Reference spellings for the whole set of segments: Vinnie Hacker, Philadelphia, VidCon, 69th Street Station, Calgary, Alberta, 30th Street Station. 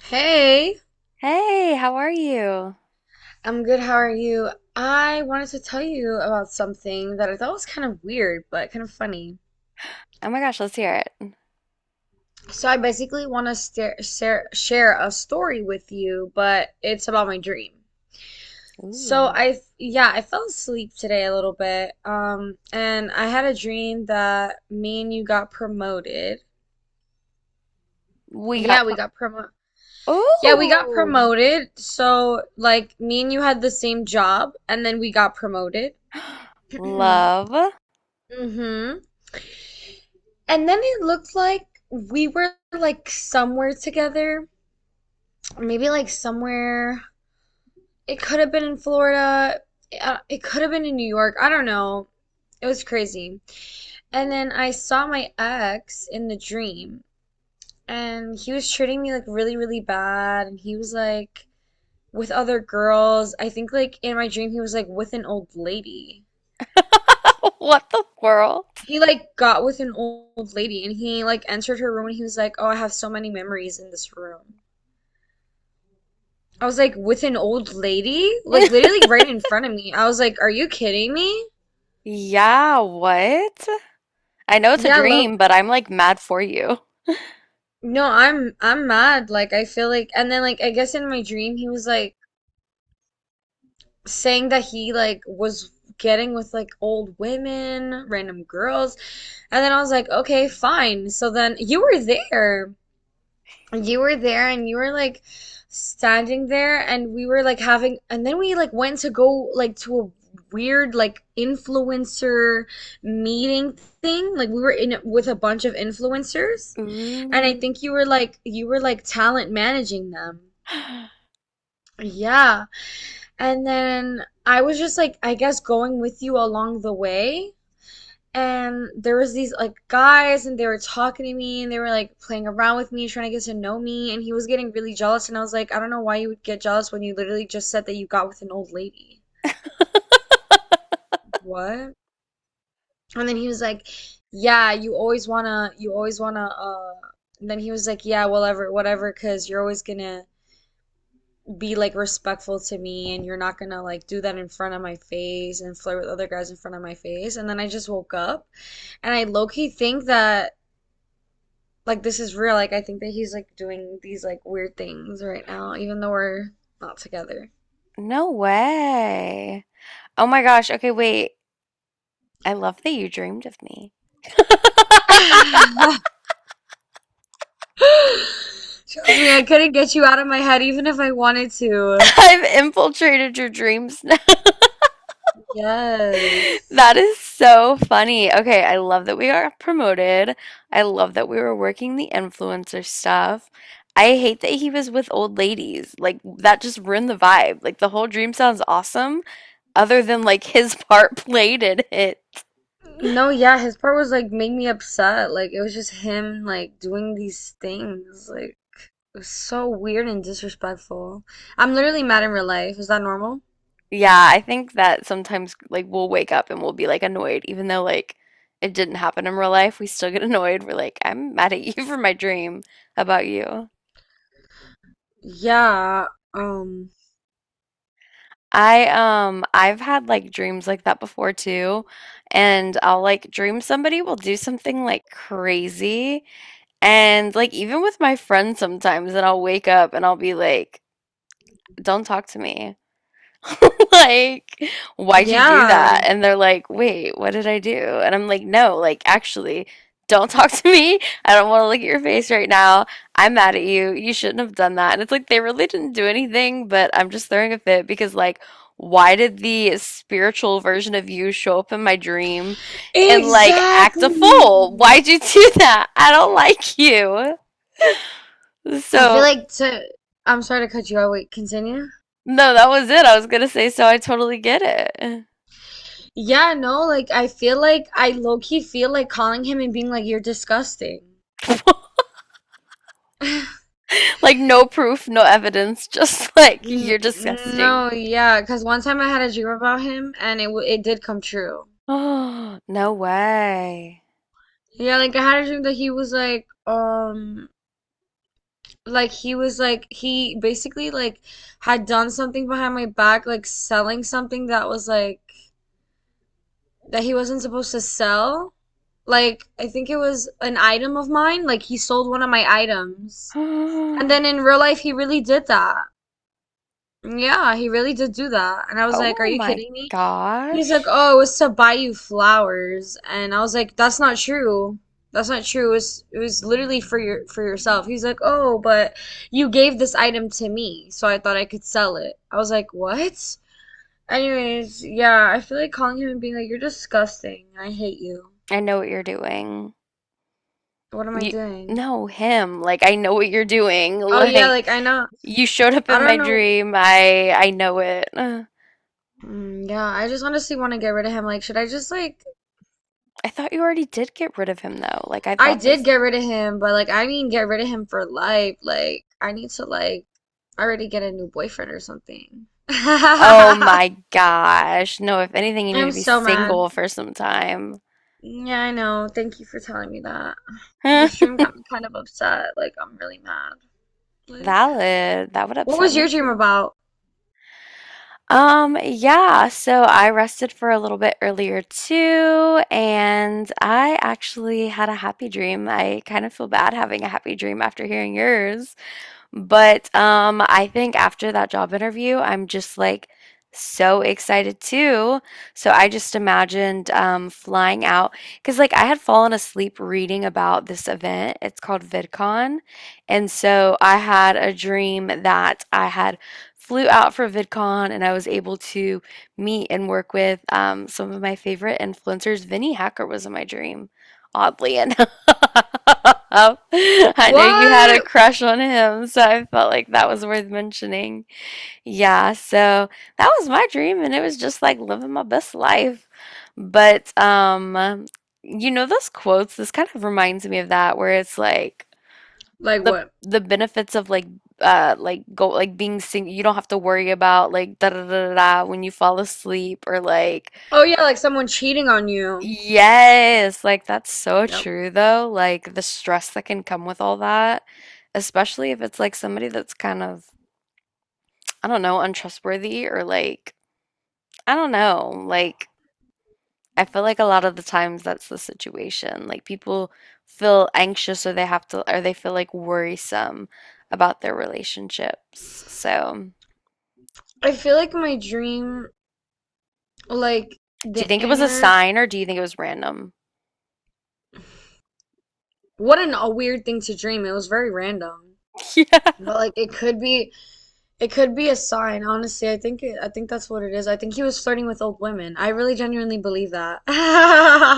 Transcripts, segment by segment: Hey, Hey, how are you? I'm good. How are you? I wanted to tell you about something that I thought was kind of weird, but kind of funny. Oh my gosh, let's hear it. So I basically want to share a story with you, but it's about my dream. So Ooh. I fell asleep today a little bit, and I had a dream that me and you got promoted. We got Yeah, we pro- got promoted. Yeah, we got Ooh. promoted. So like me and you had the same job, and then we got promoted. Love. Mm-hmm. And then it looked like we were like somewhere together, maybe like somewhere. It could have been in Florida. It could have been in New York. I don't know. It was crazy. And then I saw my ex in the dream, and he was treating me like really, really bad. And he was like with other girls. I think like in my dream, he was like with an old lady. What the world? He like got with an old lady, and he like entered her room, and he was like, "Oh, I have so many memories in this room." I was like with an old lady, like literally right in front of me. I was like, "Are you kidding me?" Yeah, what? I know it's a Yeah, look. dream, but I'm like mad for you. No, I'm mad. Like I feel like and then like I guess in my dream he was like saying that he like was getting with like old women, random girls. And then I was like, "Okay, fine." So then you were there. You were there and you were like standing there and we were like having and then we like went to go like to a weird like influencer meeting thing like we were in with a bunch of influencers, and I Ooh. think you were like talent managing them, yeah, and then I was just like I guess going with you along the way, and there was these like guys and they were talking to me and they were like playing around with me trying to get to know me, and he was getting really jealous, and I was like I don't know why you would get jealous when you literally just said that you got with an old lady. What? And then he was like yeah you always wanna you always wanna and then he was like yeah whatever because you're always gonna be like respectful to me and you're not gonna like do that in front of my face and flirt with other guys in front of my face, and then I just woke up. And I low-key think that like this is real. Like I think that he's like doing these like weird things right now, even though we're not together. No way. Oh my gosh. Okay, wait. I love that you dreamed of me. Trust me, I couldn't get you out of my head even if I wanted to. I've infiltrated your dreams. Yes. That is so funny. Okay, I love that we are promoted. I love that we were working the influencer stuff. I hate that he was with old ladies. Like, that just ruined the vibe. Like, the whole dream sounds awesome, other than like his part played in it. No, yeah, his part was like made me upset. Like it was just him like doing these things. Like it was so weird and disrespectful. I'm literally mad in real life. Is that normal? Yeah, I think that sometimes like we'll wake up and we'll be like annoyed, even though like it didn't happen in real life. We still get annoyed. We're like, I'm mad at you for my dream about you? Yeah. Um, I I've had like dreams like that before too. And I'll like dream somebody will do something like crazy, and like even with my friends sometimes, and I'll wake up and I'll be like, don't talk to me. Like, why'd you do yeah. that? And they're like, wait, what did I do? And I'm like, no, like, actually, don't talk to me. I don't want to look at your face right now. I'm mad at you. You shouldn't have done that. And it's like, they really didn't do anything, but I'm just throwing a fit because, like, why did the spiritual version of you show up in my dream and, like, act a Exactly. fool? Why'd you do that? I don't like you. I feel So, like to I'm sorry to cut you out. Wait, continue. no, that was it. I was gonna say, so I totally get it. Yeah, no, like I feel like I low key feel like calling him and being like, "You're disgusting." Like no proof, no evidence, just like you're disgusting. No, yeah, because one time I had a dream about him and it did come true. Oh, no way. Yeah, like I had a dream that he was like he basically like had done something behind my back, like selling something that was like that he wasn't supposed to sell. Like, I think it was an item of mine. Like, he sold one of my items. And then in real life, he really did that. Yeah, he really did do that. And I was like, "Are Oh you my kidding me?" He's like, gosh. "Oh, it was to buy you flowers." And I was like, "That's not true. That's not true. It was literally for yourself. He's like, "Oh, but you gave this item to me, so I thought I could sell it." I was like, "What?" Anyways, yeah, I feel like calling him and being like, "You're disgusting. I hate you." I know what you're doing. What am I You doing? no, him. Like I know what you're doing. Oh yeah, Like like I know. you showed up I in my don't know. dream. I know it. Ugh. Mm, yeah, I just honestly want to get rid of him. Like, should I just like? I thought you already did get rid of him though. Like I I thought did this. get rid of him, but like I mean, get rid of him for life. Like, I need to like already get a new boyfriend or something. Oh I'm my gosh. No, if anything, you need to be so mad. single for some time. Yeah, I know. Thank you for telling me that. The stream got me kind of upset. Like, I'm really mad. Like, Valid. That would what upset was your me dream too. about? Yeah, so I rested for a little bit earlier too, and I actually had a happy dream. I kind of feel bad having a happy dream after hearing yours. But I think after that job interview, I'm just like so excited too. So I just imagined flying out, because like I had fallen asleep reading about this event. It's called VidCon. And so I had a dream that I had flew out for VidCon and I was able to meet and work with some of my favorite influencers. Vinnie Hacker was in my dream, oddly enough. I know you had a What? crush on him, so I felt like that was worth mentioning. Yeah, so that was my dream, and it was just like living my best life. But you know, those quotes, this kind of reminds me of that, where it's like Like the what? the benefits of like go like being sing, you don't have to worry about like da da da da da when you fall asleep or like Oh yeah, like someone cheating on you. yes, like that's so Yep. true though. Like the stress that can come with all that, especially if it's like somebody that's kind of, I don't know, untrustworthy or like, I don't know. Like, I feel like a lot of the times that's the situation. Like people feel anxious or they have to, or they feel like worrisome about their relationships. So, I feel like my dream, like do you the think it was a inner, sign or do you think it was random? what an, a weird thing to dream. It was very random, but like it could be a sign. Honestly, I think it, I think that's what it is. I think he was flirting with old women. I really genuinely believe that.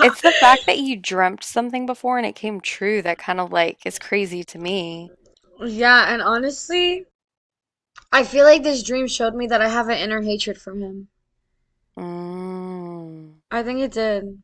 It's the fact that you dreamt something before and it came true that kind of like is crazy to me. Yeah, and honestly, I feel like this dream showed me that I have an inner hatred for him. Mm, I think it did.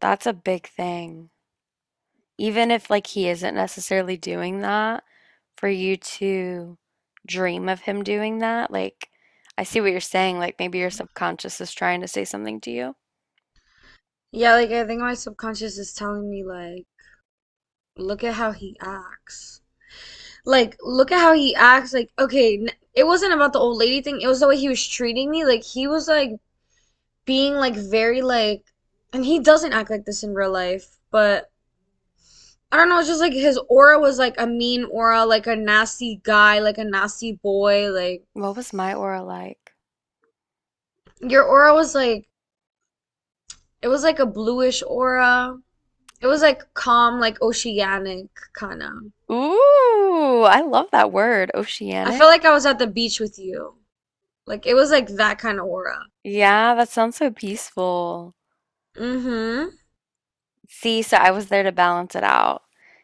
that's a big thing. Even if like he isn't necessarily doing that, for you to dream of him doing that, like I see what you're saying. Like maybe your subconscious is trying to say something to you. Yeah, like I think my subconscious is telling me like, look at how he acts. Like look at how he acts, like okay, it wasn't about the old lady thing, it was the way he was treating me, like he was like being like very like, and he doesn't act like this in real life, but I don't know, it's just like his aura was like a mean aura, like a nasty guy, like a nasty boy, like What was my aura like? your aura was like, it was like a bluish aura, it was like calm, like oceanic kind of. Ooh, I love that word, I oceanic. felt like I was at the beach with you, like it was like that kind of aura. Yeah, that sounds so peaceful. Mm-hmm. See, so I was there to balance it out.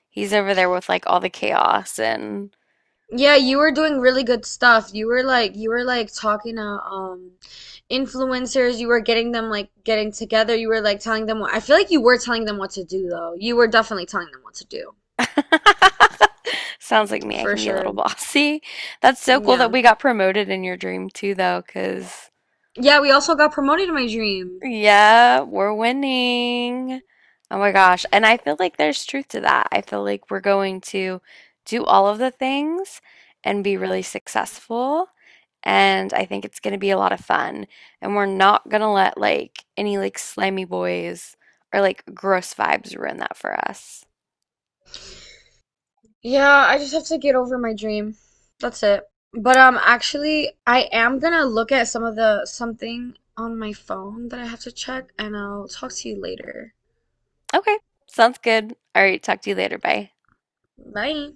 He's over there with like all the chaos, and Yeah, you were doing really good stuff. You were like talking to influencers, you were getting them like getting together, you were like telling them what I feel like you were telling them what to do though. You were definitely telling them what to do. sounds like me. I For can be a little sure. bossy. That's so cool that Yeah. we got promoted in your dream too, though, because Yeah, we also got promoted in my dream. yeah, we're winning. Oh my gosh. And I feel like there's truth to that. I feel like we're going to do all of the things and be really successful, and I think it's going to be a lot of fun. And we're not going to let like any like slimy boys or like gross vibes ruin that for us. Yeah, I just have to get over my dream. That's it. But actually I am gonna look at some of the something on my phone that I have to check and I'll talk to you later. Okay, sounds good. All right, talk to you later. Bye. Bye.